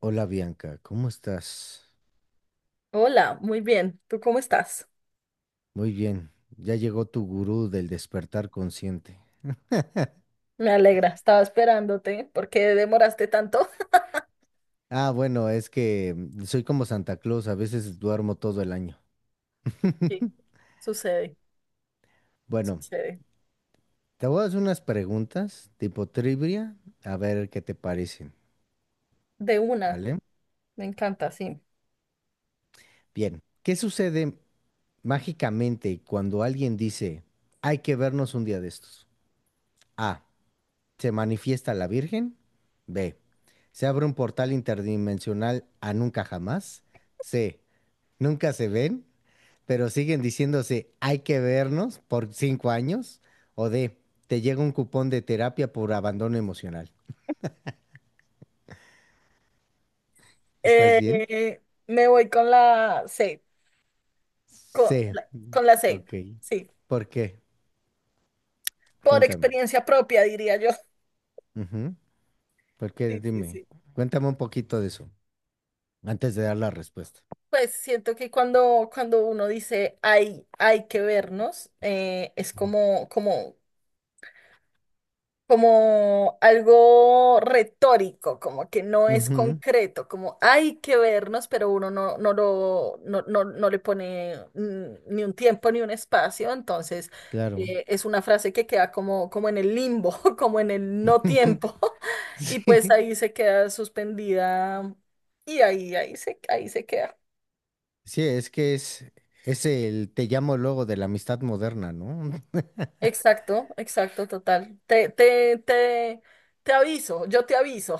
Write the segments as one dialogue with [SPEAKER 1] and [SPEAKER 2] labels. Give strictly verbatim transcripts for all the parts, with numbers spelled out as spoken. [SPEAKER 1] Hola Bianca, ¿cómo estás?
[SPEAKER 2] Hola, muy bien. ¿Tú cómo estás?
[SPEAKER 1] Muy bien, ya llegó tu gurú del despertar consciente.
[SPEAKER 2] Me alegra, estaba esperándote. ¿Por qué demoraste tanto?
[SPEAKER 1] Ah, bueno, es que mm, soy como Santa Claus, a veces duermo todo el año.
[SPEAKER 2] Sí, sucede,
[SPEAKER 1] Bueno,
[SPEAKER 2] sucede.
[SPEAKER 1] te voy a hacer unas preguntas tipo trivia, a ver qué te parecen,
[SPEAKER 2] De una,
[SPEAKER 1] ¿vale?
[SPEAKER 2] me encanta, sí.
[SPEAKER 1] Bien, ¿qué sucede mágicamente cuando alguien dice, hay que vernos un día de estos? A. Se manifiesta la Virgen. B. Se abre un portal interdimensional a nunca jamás. C. Nunca se ven, pero siguen diciéndose hay que vernos por cinco años. O D. Te llega un cupón de terapia por abandono emocional. ¿Estás bien?
[SPEAKER 2] Eh, Me voy con la C, con
[SPEAKER 1] C.
[SPEAKER 2] la, con la C,
[SPEAKER 1] Ok.
[SPEAKER 2] sí.
[SPEAKER 1] ¿Por qué?
[SPEAKER 2] Por
[SPEAKER 1] Cuéntame.
[SPEAKER 2] experiencia propia, diría yo.
[SPEAKER 1] Ujú. ¿Por qué?
[SPEAKER 2] Sí, sí,
[SPEAKER 1] Dime.
[SPEAKER 2] sí.
[SPEAKER 1] Cuéntame un poquito de eso antes de dar la respuesta.
[SPEAKER 2] Pues siento que cuando, cuando uno dice hay, hay que vernos, eh, es
[SPEAKER 1] Ujú.
[SPEAKER 2] como, como como algo retórico, como que no es
[SPEAKER 1] Ujú,
[SPEAKER 2] concreto, como hay que vernos, pero uno no, no lo, no, no, no le pone mm, ni un tiempo ni un espacio, entonces
[SPEAKER 1] claro.
[SPEAKER 2] eh, es una frase que queda como, como en el limbo, como en el no tiempo, y pues
[SPEAKER 1] Sí.
[SPEAKER 2] ahí se queda suspendida y ahí, ahí se, ahí se queda.
[SPEAKER 1] Sí, es que es, es el te llamo luego de la amistad moderna, ¿no?
[SPEAKER 2] Exacto, exacto, total. Te, te, te, te aviso, yo te aviso.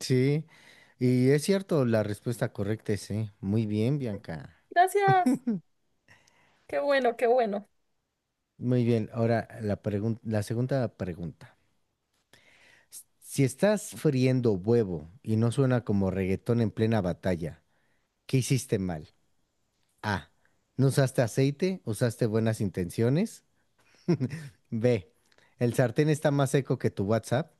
[SPEAKER 1] Sí, y es cierto, la respuesta correcta es sí. Muy bien, Bianca.
[SPEAKER 2] Gracias, qué bueno, qué bueno.
[SPEAKER 1] Muy bien, ahora la pregun- la segunda pregunta. Si estás friendo huevo y no suena como reggaetón en plena batalla, ¿qué hiciste mal? A. No usaste aceite, usaste buenas intenciones. B. El sartén está más seco que tu WhatsApp.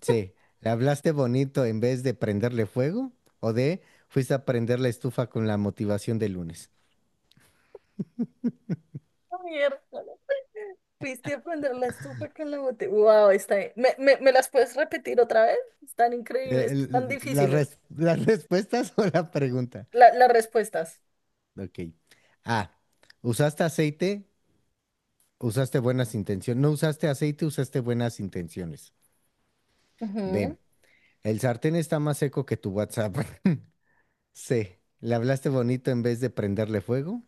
[SPEAKER 1] Sí, le hablaste bonito en vez de prenderle fuego o de fuiste a prender la estufa con la motivación del lunes.
[SPEAKER 2] Miércoles, fuiste a prender la estufa con la botella. Wow, está bien. ¿Me, me, me las puedes repetir otra vez? Están
[SPEAKER 1] Eh,
[SPEAKER 2] increíbles, están
[SPEAKER 1] el- la
[SPEAKER 2] difíciles.
[SPEAKER 1] res- las respuestas o la pregunta.
[SPEAKER 2] La- las respuestas.
[SPEAKER 1] Ok. A. Usaste aceite, usaste buenas intenciones. No usaste aceite, usaste buenas intenciones. B.
[SPEAKER 2] Ujú.
[SPEAKER 1] El sartén está más seco que tu WhatsApp. C. Le hablaste bonito en vez de prenderle fuego.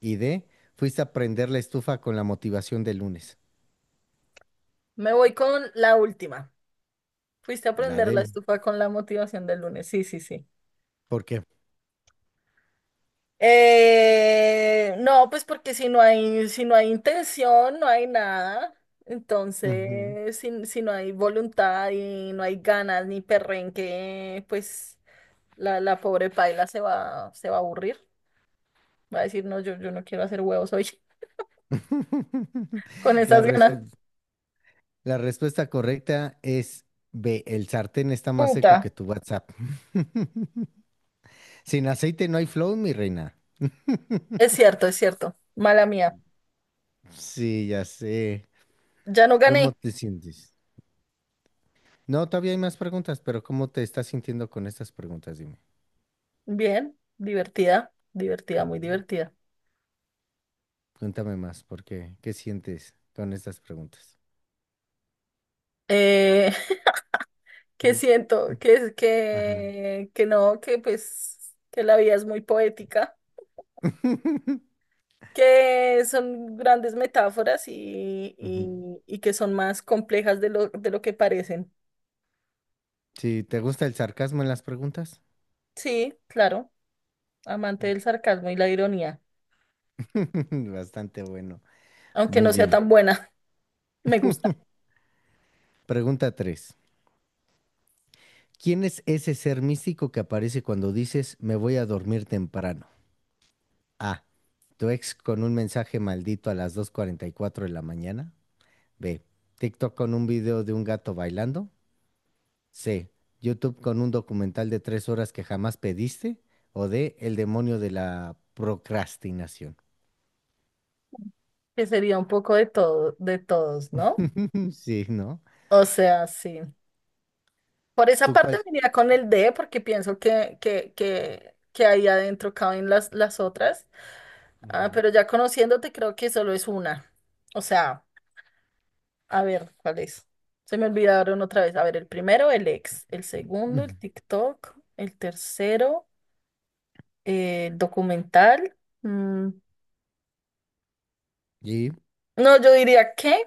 [SPEAKER 1] Y D. Fuiste a prender la estufa con la motivación del lunes.
[SPEAKER 2] Me voy con la última. Fuiste a
[SPEAKER 1] La
[SPEAKER 2] prender la
[SPEAKER 1] D.
[SPEAKER 2] estufa con la motivación del lunes. Sí, sí, sí.
[SPEAKER 1] ¿Por qué?
[SPEAKER 2] Eh, no, pues porque si no hay, si no hay intención, no hay nada.
[SPEAKER 1] Ujú.
[SPEAKER 2] Entonces, si, si no hay voluntad y no hay ganas ni perrenque, pues la, la pobre paila se va, se va a aburrir. Va a decir, no, yo, yo no quiero hacer huevos hoy con
[SPEAKER 1] La
[SPEAKER 2] esas ganas.
[SPEAKER 1] respu- la respuesta correcta es B. El sartén está más seco que
[SPEAKER 2] Puta.
[SPEAKER 1] tu WhatsApp. Sin aceite no hay flow, mi reina.
[SPEAKER 2] Es cierto, es cierto. Mala mía.
[SPEAKER 1] Sí, ya sé.
[SPEAKER 2] Ya no
[SPEAKER 1] ¿Cómo
[SPEAKER 2] gané.
[SPEAKER 1] te sientes? No, todavía hay más preguntas, pero ¿cómo te estás sintiendo con estas preguntas? Dime.
[SPEAKER 2] Bien, divertida, divertida, muy
[SPEAKER 1] Ujú.
[SPEAKER 2] divertida.
[SPEAKER 1] Cuéntame más, ¿por qué? ¿Qué sientes con estas preguntas?
[SPEAKER 2] Eh, que
[SPEAKER 1] Mm,
[SPEAKER 2] siento
[SPEAKER 1] mm,
[SPEAKER 2] que, es
[SPEAKER 1] ajá.
[SPEAKER 2] que, que no, que pues que la vida es muy poética, que son grandes metáforas y,
[SPEAKER 1] Ujú.
[SPEAKER 2] y, y que son más complejas de lo, de lo que parecen.
[SPEAKER 1] Sí, ¿te gusta el sarcasmo en las preguntas?
[SPEAKER 2] Sí, claro, amante del sarcasmo y la ironía,
[SPEAKER 1] Bastante bueno.
[SPEAKER 2] aunque
[SPEAKER 1] Muy
[SPEAKER 2] no sea
[SPEAKER 1] bien.
[SPEAKER 2] tan buena, me gusta.
[SPEAKER 1] Pregunta tres. ¿Quién es ese ser místico que aparece cuando dices me voy a dormir temprano? A. Tu ex con un mensaje maldito a las dos cuarenta y cuatro de la mañana. B. TikTok con un video de un gato bailando. C. YouTube con un documental de tres horas que jamás pediste. O D. El demonio de la procrastinación.
[SPEAKER 2] Que sería un poco de todo, de todos, ¿no?
[SPEAKER 1] Sí, ¿no?
[SPEAKER 2] O sea, sí. Por esa
[SPEAKER 1] ¿Tú
[SPEAKER 2] parte
[SPEAKER 1] cuál?
[SPEAKER 2] me iría con el D, porque pienso que, que, que, que ahí adentro caben las, las otras. Ah,
[SPEAKER 1] Ujú.
[SPEAKER 2] pero ya conociéndote, creo que solo es una. O sea, a ver, ¿cuál es? Se me olvidaron otra vez. A ver, el primero, el ex. El segundo, el
[SPEAKER 1] Ujú.
[SPEAKER 2] TikTok. El tercero, eh, el documental. Mm,
[SPEAKER 1] ¿Y
[SPEAKER 2] No, yo diría que,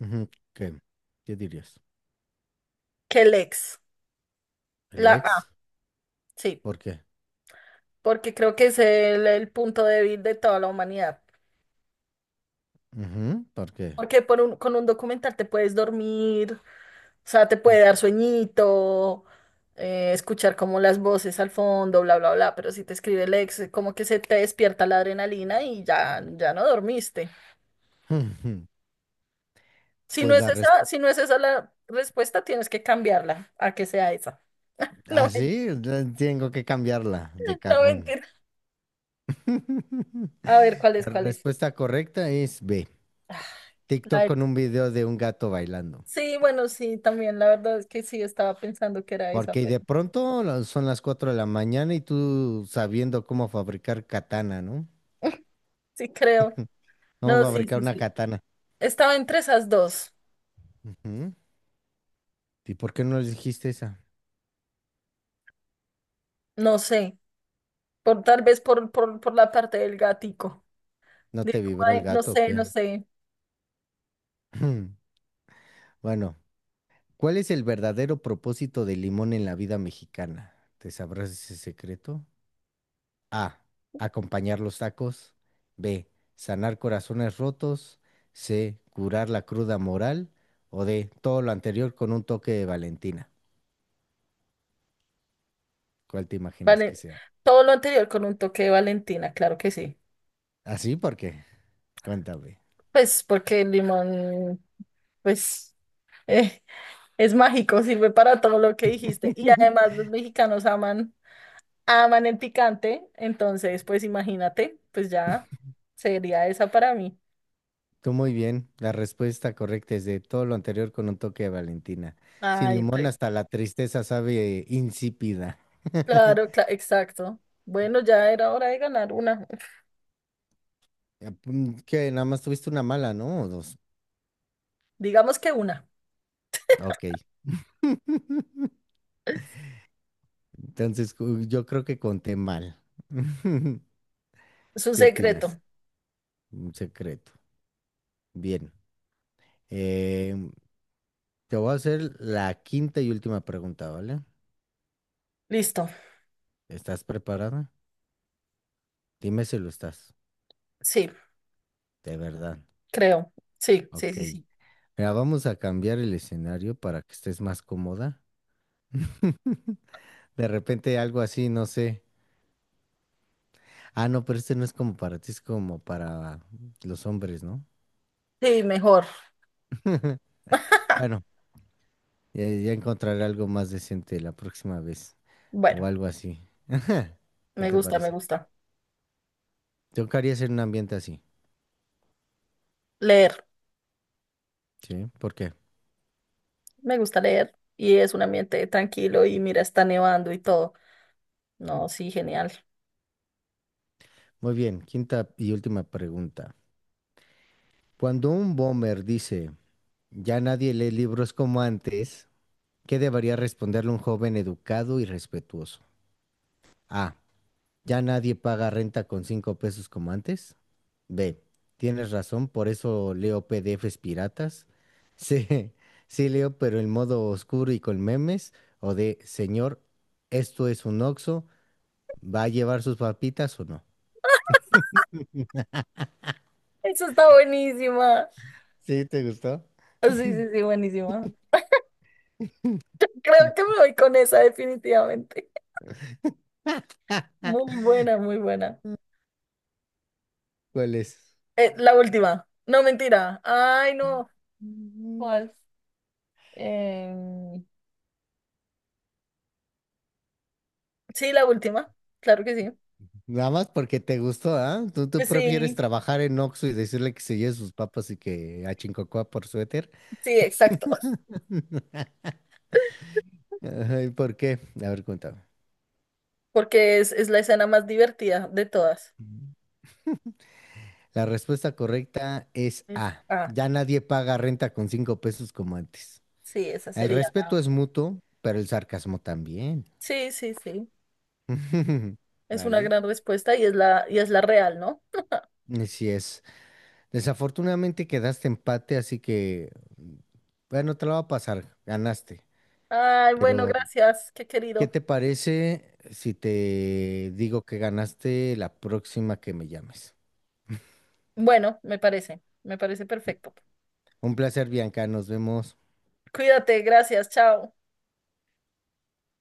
[SPEAKER 1] ujú, qué? ¿Qué dirías?
[SPEAKER 2] que el ex.
[SPEAKER 1] ¿El
[SPEAKER 2] La
[SPEAKER 1] ex?
[SPEAKER 2] A, sí.
[SPEAKER 1] ¿Por qué?
[SPEAKER 2] Porque creo que es el, el punto débil de toda la humanidad.
[SPEAKER 1] Ujú, ¿por qué?
[SPEAKER 2] Porque por un- con un documental te puedes dormir, o sea, te
[SPEAKER 1] Ujú.
[SPEAKER 2] puede dar sueñito, eh, escuchar como las voces al fondo, bla, bla, bla, pero si te escribe el ex, como que se te despierta la adrenalina y ya, ya no dormiste. Si no
[SPEAKER 1] Pues
[SPEAKER 2] es
[SPEAKER 1] la
[SPEAKER 2] esa,
[SPEAKER 1] respuesta,
[SPEAKER 2] si no es esa la respuesta, tienes que cambiarla a que sea esa. No, men-
[SPEAKER 1] así eh, tengo que cambiarla de
[SPEAKER 2] no
[SPEAKER 1] cajón.
[SPEAKER 2] mentira. A ver, ¿cuál
[SPEAKER 1] La
[SPEAKER 2] es, cuál es?
[SPEAKER 1] respuesta correcta es B.
[SPEAKER 2] La
[SPEAKER 1] TikTok
[SPEAKER 2] del-
[SPEAKER 1] con un video de un gato bailando.
[SPEAKER 2] Sí, bueno, sí, también la verdad es que sí estaba pensando que era esa,
[SPEAKER 1] Porque
[SPEAKER 2] pero
[SPEAKER 1] de pronto la- son las cuatro de la mañana y tú sabiendo cómo fabricar katana, ¿no?
[SPEAKER 2] sí creo.
[SPEAKER 1] Cómo
[SPEAKER 2] No, sí,
[SPEAKER 1] fabricar
[SPEAKER 2] sí,
[SPEAKER 1] una
[SPEAKER 2] sí.
[SPEAKER 1] katana.
[SPEAKER 2] Estaba entre esas dos.
[SPEAKER 1] Ujú. ¿Y por qué no le dijiste esa?
[SPEAKER 2] No sé. Por, tal vez por, por, por la parte del gatico.
[SPEAKER 1] ¿No
[SPEAKER 2] De
[SPEAKER 1] te
[SPEAKER 2] como
[SPEAKER 1] vibró el
[SPEAKER 2] de- no
[SPEAKER 1] gato o
[SPEAKER 2] sé,
[SPEAKER 1] qué?
[SPEAKER 2] no sé.
[SPEAKER 1] Bueno, ¿cuál es el verdadero propósito del limón en la vida mexicana? ¿Te sabrás ese secreto? A. Acompañar los tacos. B. Sanar corazones rotos. C. Curar la cruda moral. O D. Todo lo anterior con un toque de Valentina. ¿Cuál te imaginas que
[SPEAKER 2] Vale.
[SPEAKER 1] sea?
[SPEAKER 2] Todo lo anterior con un toque de Valentina, claro que sí.
[SPEAKER 1] ¿Así? ¿Por qué? Cuéntame.
[SPEAKER 2] Pues porque el limón, pues, eh, es mágico, sirve para todo lo que dijiste. Y además los mexicanos aman, aman el picante. Entonces, pues imagínate, pues ya sería esa para mí.
[SPEAKER 1] Tú muy bien. La respuesta correcta es de todo lo anterior con un toque de Valentina. Sin
[SPEAKER 2] Ay,
[SPEAKER 1] limón
[SPEAKER 2] pues,
[SPEAKER 1] hasta la tristeza sabe insípida.
[SPEAKER 2] claro, cla- exacto. Bueno, ya era hora de ganar una.
[SPEAKER 1] Que nada más tuviste una mala, ¿no? O dos.
[SPEAKER 2] Digamos que una.
[SPEAKER 1] Ok. Entonces, cu- yo creo que conté mal.
[SPEAKER 2] Es un
[SPEAKER 1] ¿Qué opinas?
[SPEAKER 2] secreto.
[SPEAKER 1] Un secreto. Bien. Em, te voy a hacer la quinta y última pregunta, ¿vale?
[SPEAKER 2] Listo.
[SPEAKER 1] ¿Estás preparada? Dime si lo estás.
[SPEAKER 2] Sí,
[SPEAKER 1] De verdad.
[SPEAKER 2] creo. Sí, sí,
[SPEAKER 1] Ok.
[SPEAKER 2] sí, sí.
[SPEAKER 1] Mira, vamos a cambiar el escenario para que estés más cómoda. De repente algo así, no sé. Ah, no, pero este no es como para ti, es como para los hombres, ¿no?
[SPEAKER 2] Sí, mejor.
[SPEAKER 1] Bueno, ya, ya encontraré algo más decente la próxima vez o
[SPEAKER 2] Bueno,
[SPEAKER 1] algo así. Ajá. ¿Qué
[SPEAKER 2] me
[SPEAKER 1] te
[SPEAKER 2] gusta, me
[SPEAKER 1] parece?
[SPEAKER 2] gusta.
[SPEAKER 1] Yo quería hacer un ambiente así,
[SPEAKER 2] Leer.
[SPEAKER 1] ¿sí? ¿Por qué?
[SPEAKER 2] Me gusta leer. Y es un ambiente tranquilo y mira, está nevando y todo. No, sí, genial.
[SPEAKER 1] Muy bien, quinta y última pregunta. Cuando un bomber dice, ya nadie lee libros como antes, ¿qué debería responderle un joven educado y respetuoso? A. Ya nadie paga renta con cinco pesos como antes. B. Tienes razón, por eso leo P D Fs piratas. C. Sí leo, pero en modo oscuro y con memes. O D. Señor, esto es un oxo. ¿Va a llevar sus papitas o no?
[SPEAKER 2] Eso está buenísima.
[SPEAKER 1] ¿Sí te gustó?
[SPEAKER 2] Sí, sí, sí, buenísima. Creo que me voy con esa definitivamente. Muy buena, muy buena.
[SPEAKER 1] ¿Cuál es?
[SPEAKER 2] Eh, la última. No, mentira. Ay, no.
[SPEAKER 1] Mm.
[SPEAKER 2] ¿Cuál? Em, sí, la última. Claro que sí.
[SPEAKER 1] Nada más porque te gustó, ¿ah? ¿Tú, tú
[SPEAKER 2] Pues
[SPEAKER 1] prefieres
[SPEAKER 2] sí,
[SPEAKER 1] trabajar en Oxxo y decirle que se lleve sus papas y que a Chincocoa por suéter?
[SPEAKER 2] sí, exacto.
[SPEAKER 1] Ay, ¿por qué? A ver, cuéntame.
[SPEAKER 2] Porque es, es la escena más divertida de todas.
[SPEAKER 1] La respuesta correcta es
[SPEAKER 2] Es-
[SPEAKER 1] A.
[SPEAKER 2] ah,
[SPEAKER 1] Ya nadie paga renta con cinco pesos como antes.
[SPEAKER 2] sí, esa
[SPEAKER 1] El
[SPEAKER 2] sería.
[SPEAKER 1] respeto
[SPEAKER 2] la-
[SPEAKER 1] es mutuo, pero el sarcasmo también.
[SPEAKER 2] Sí, sí, sí. Es una
[SPEAKER 1] ¿Vale?
[SPEAKER 2] gran respuesta y es la, y es la real, ¿no?
[SPEAKER 1] Así es. Desafortunadamente quedaste empate, así que, bueno, te lo va a pasar. Ganaste.
[SPEAKER 2] Ay, bueno,
[SPEAKER 1] Pero,
[SPEAKER 2] gracias, qué
[SPEAKER 1] ¿qué
[SPEAKER 2] querido.
[SPEAKER 1] te parece si te digo que ganaste la próxima que me llames?
[SPEAKER 2] Bueno, me parece, me parece perfecto.
[SPEAKER 1] Un placer, Bianca. Nos vemos.
[SPEAKER 2] Cuídate, gracias, chao.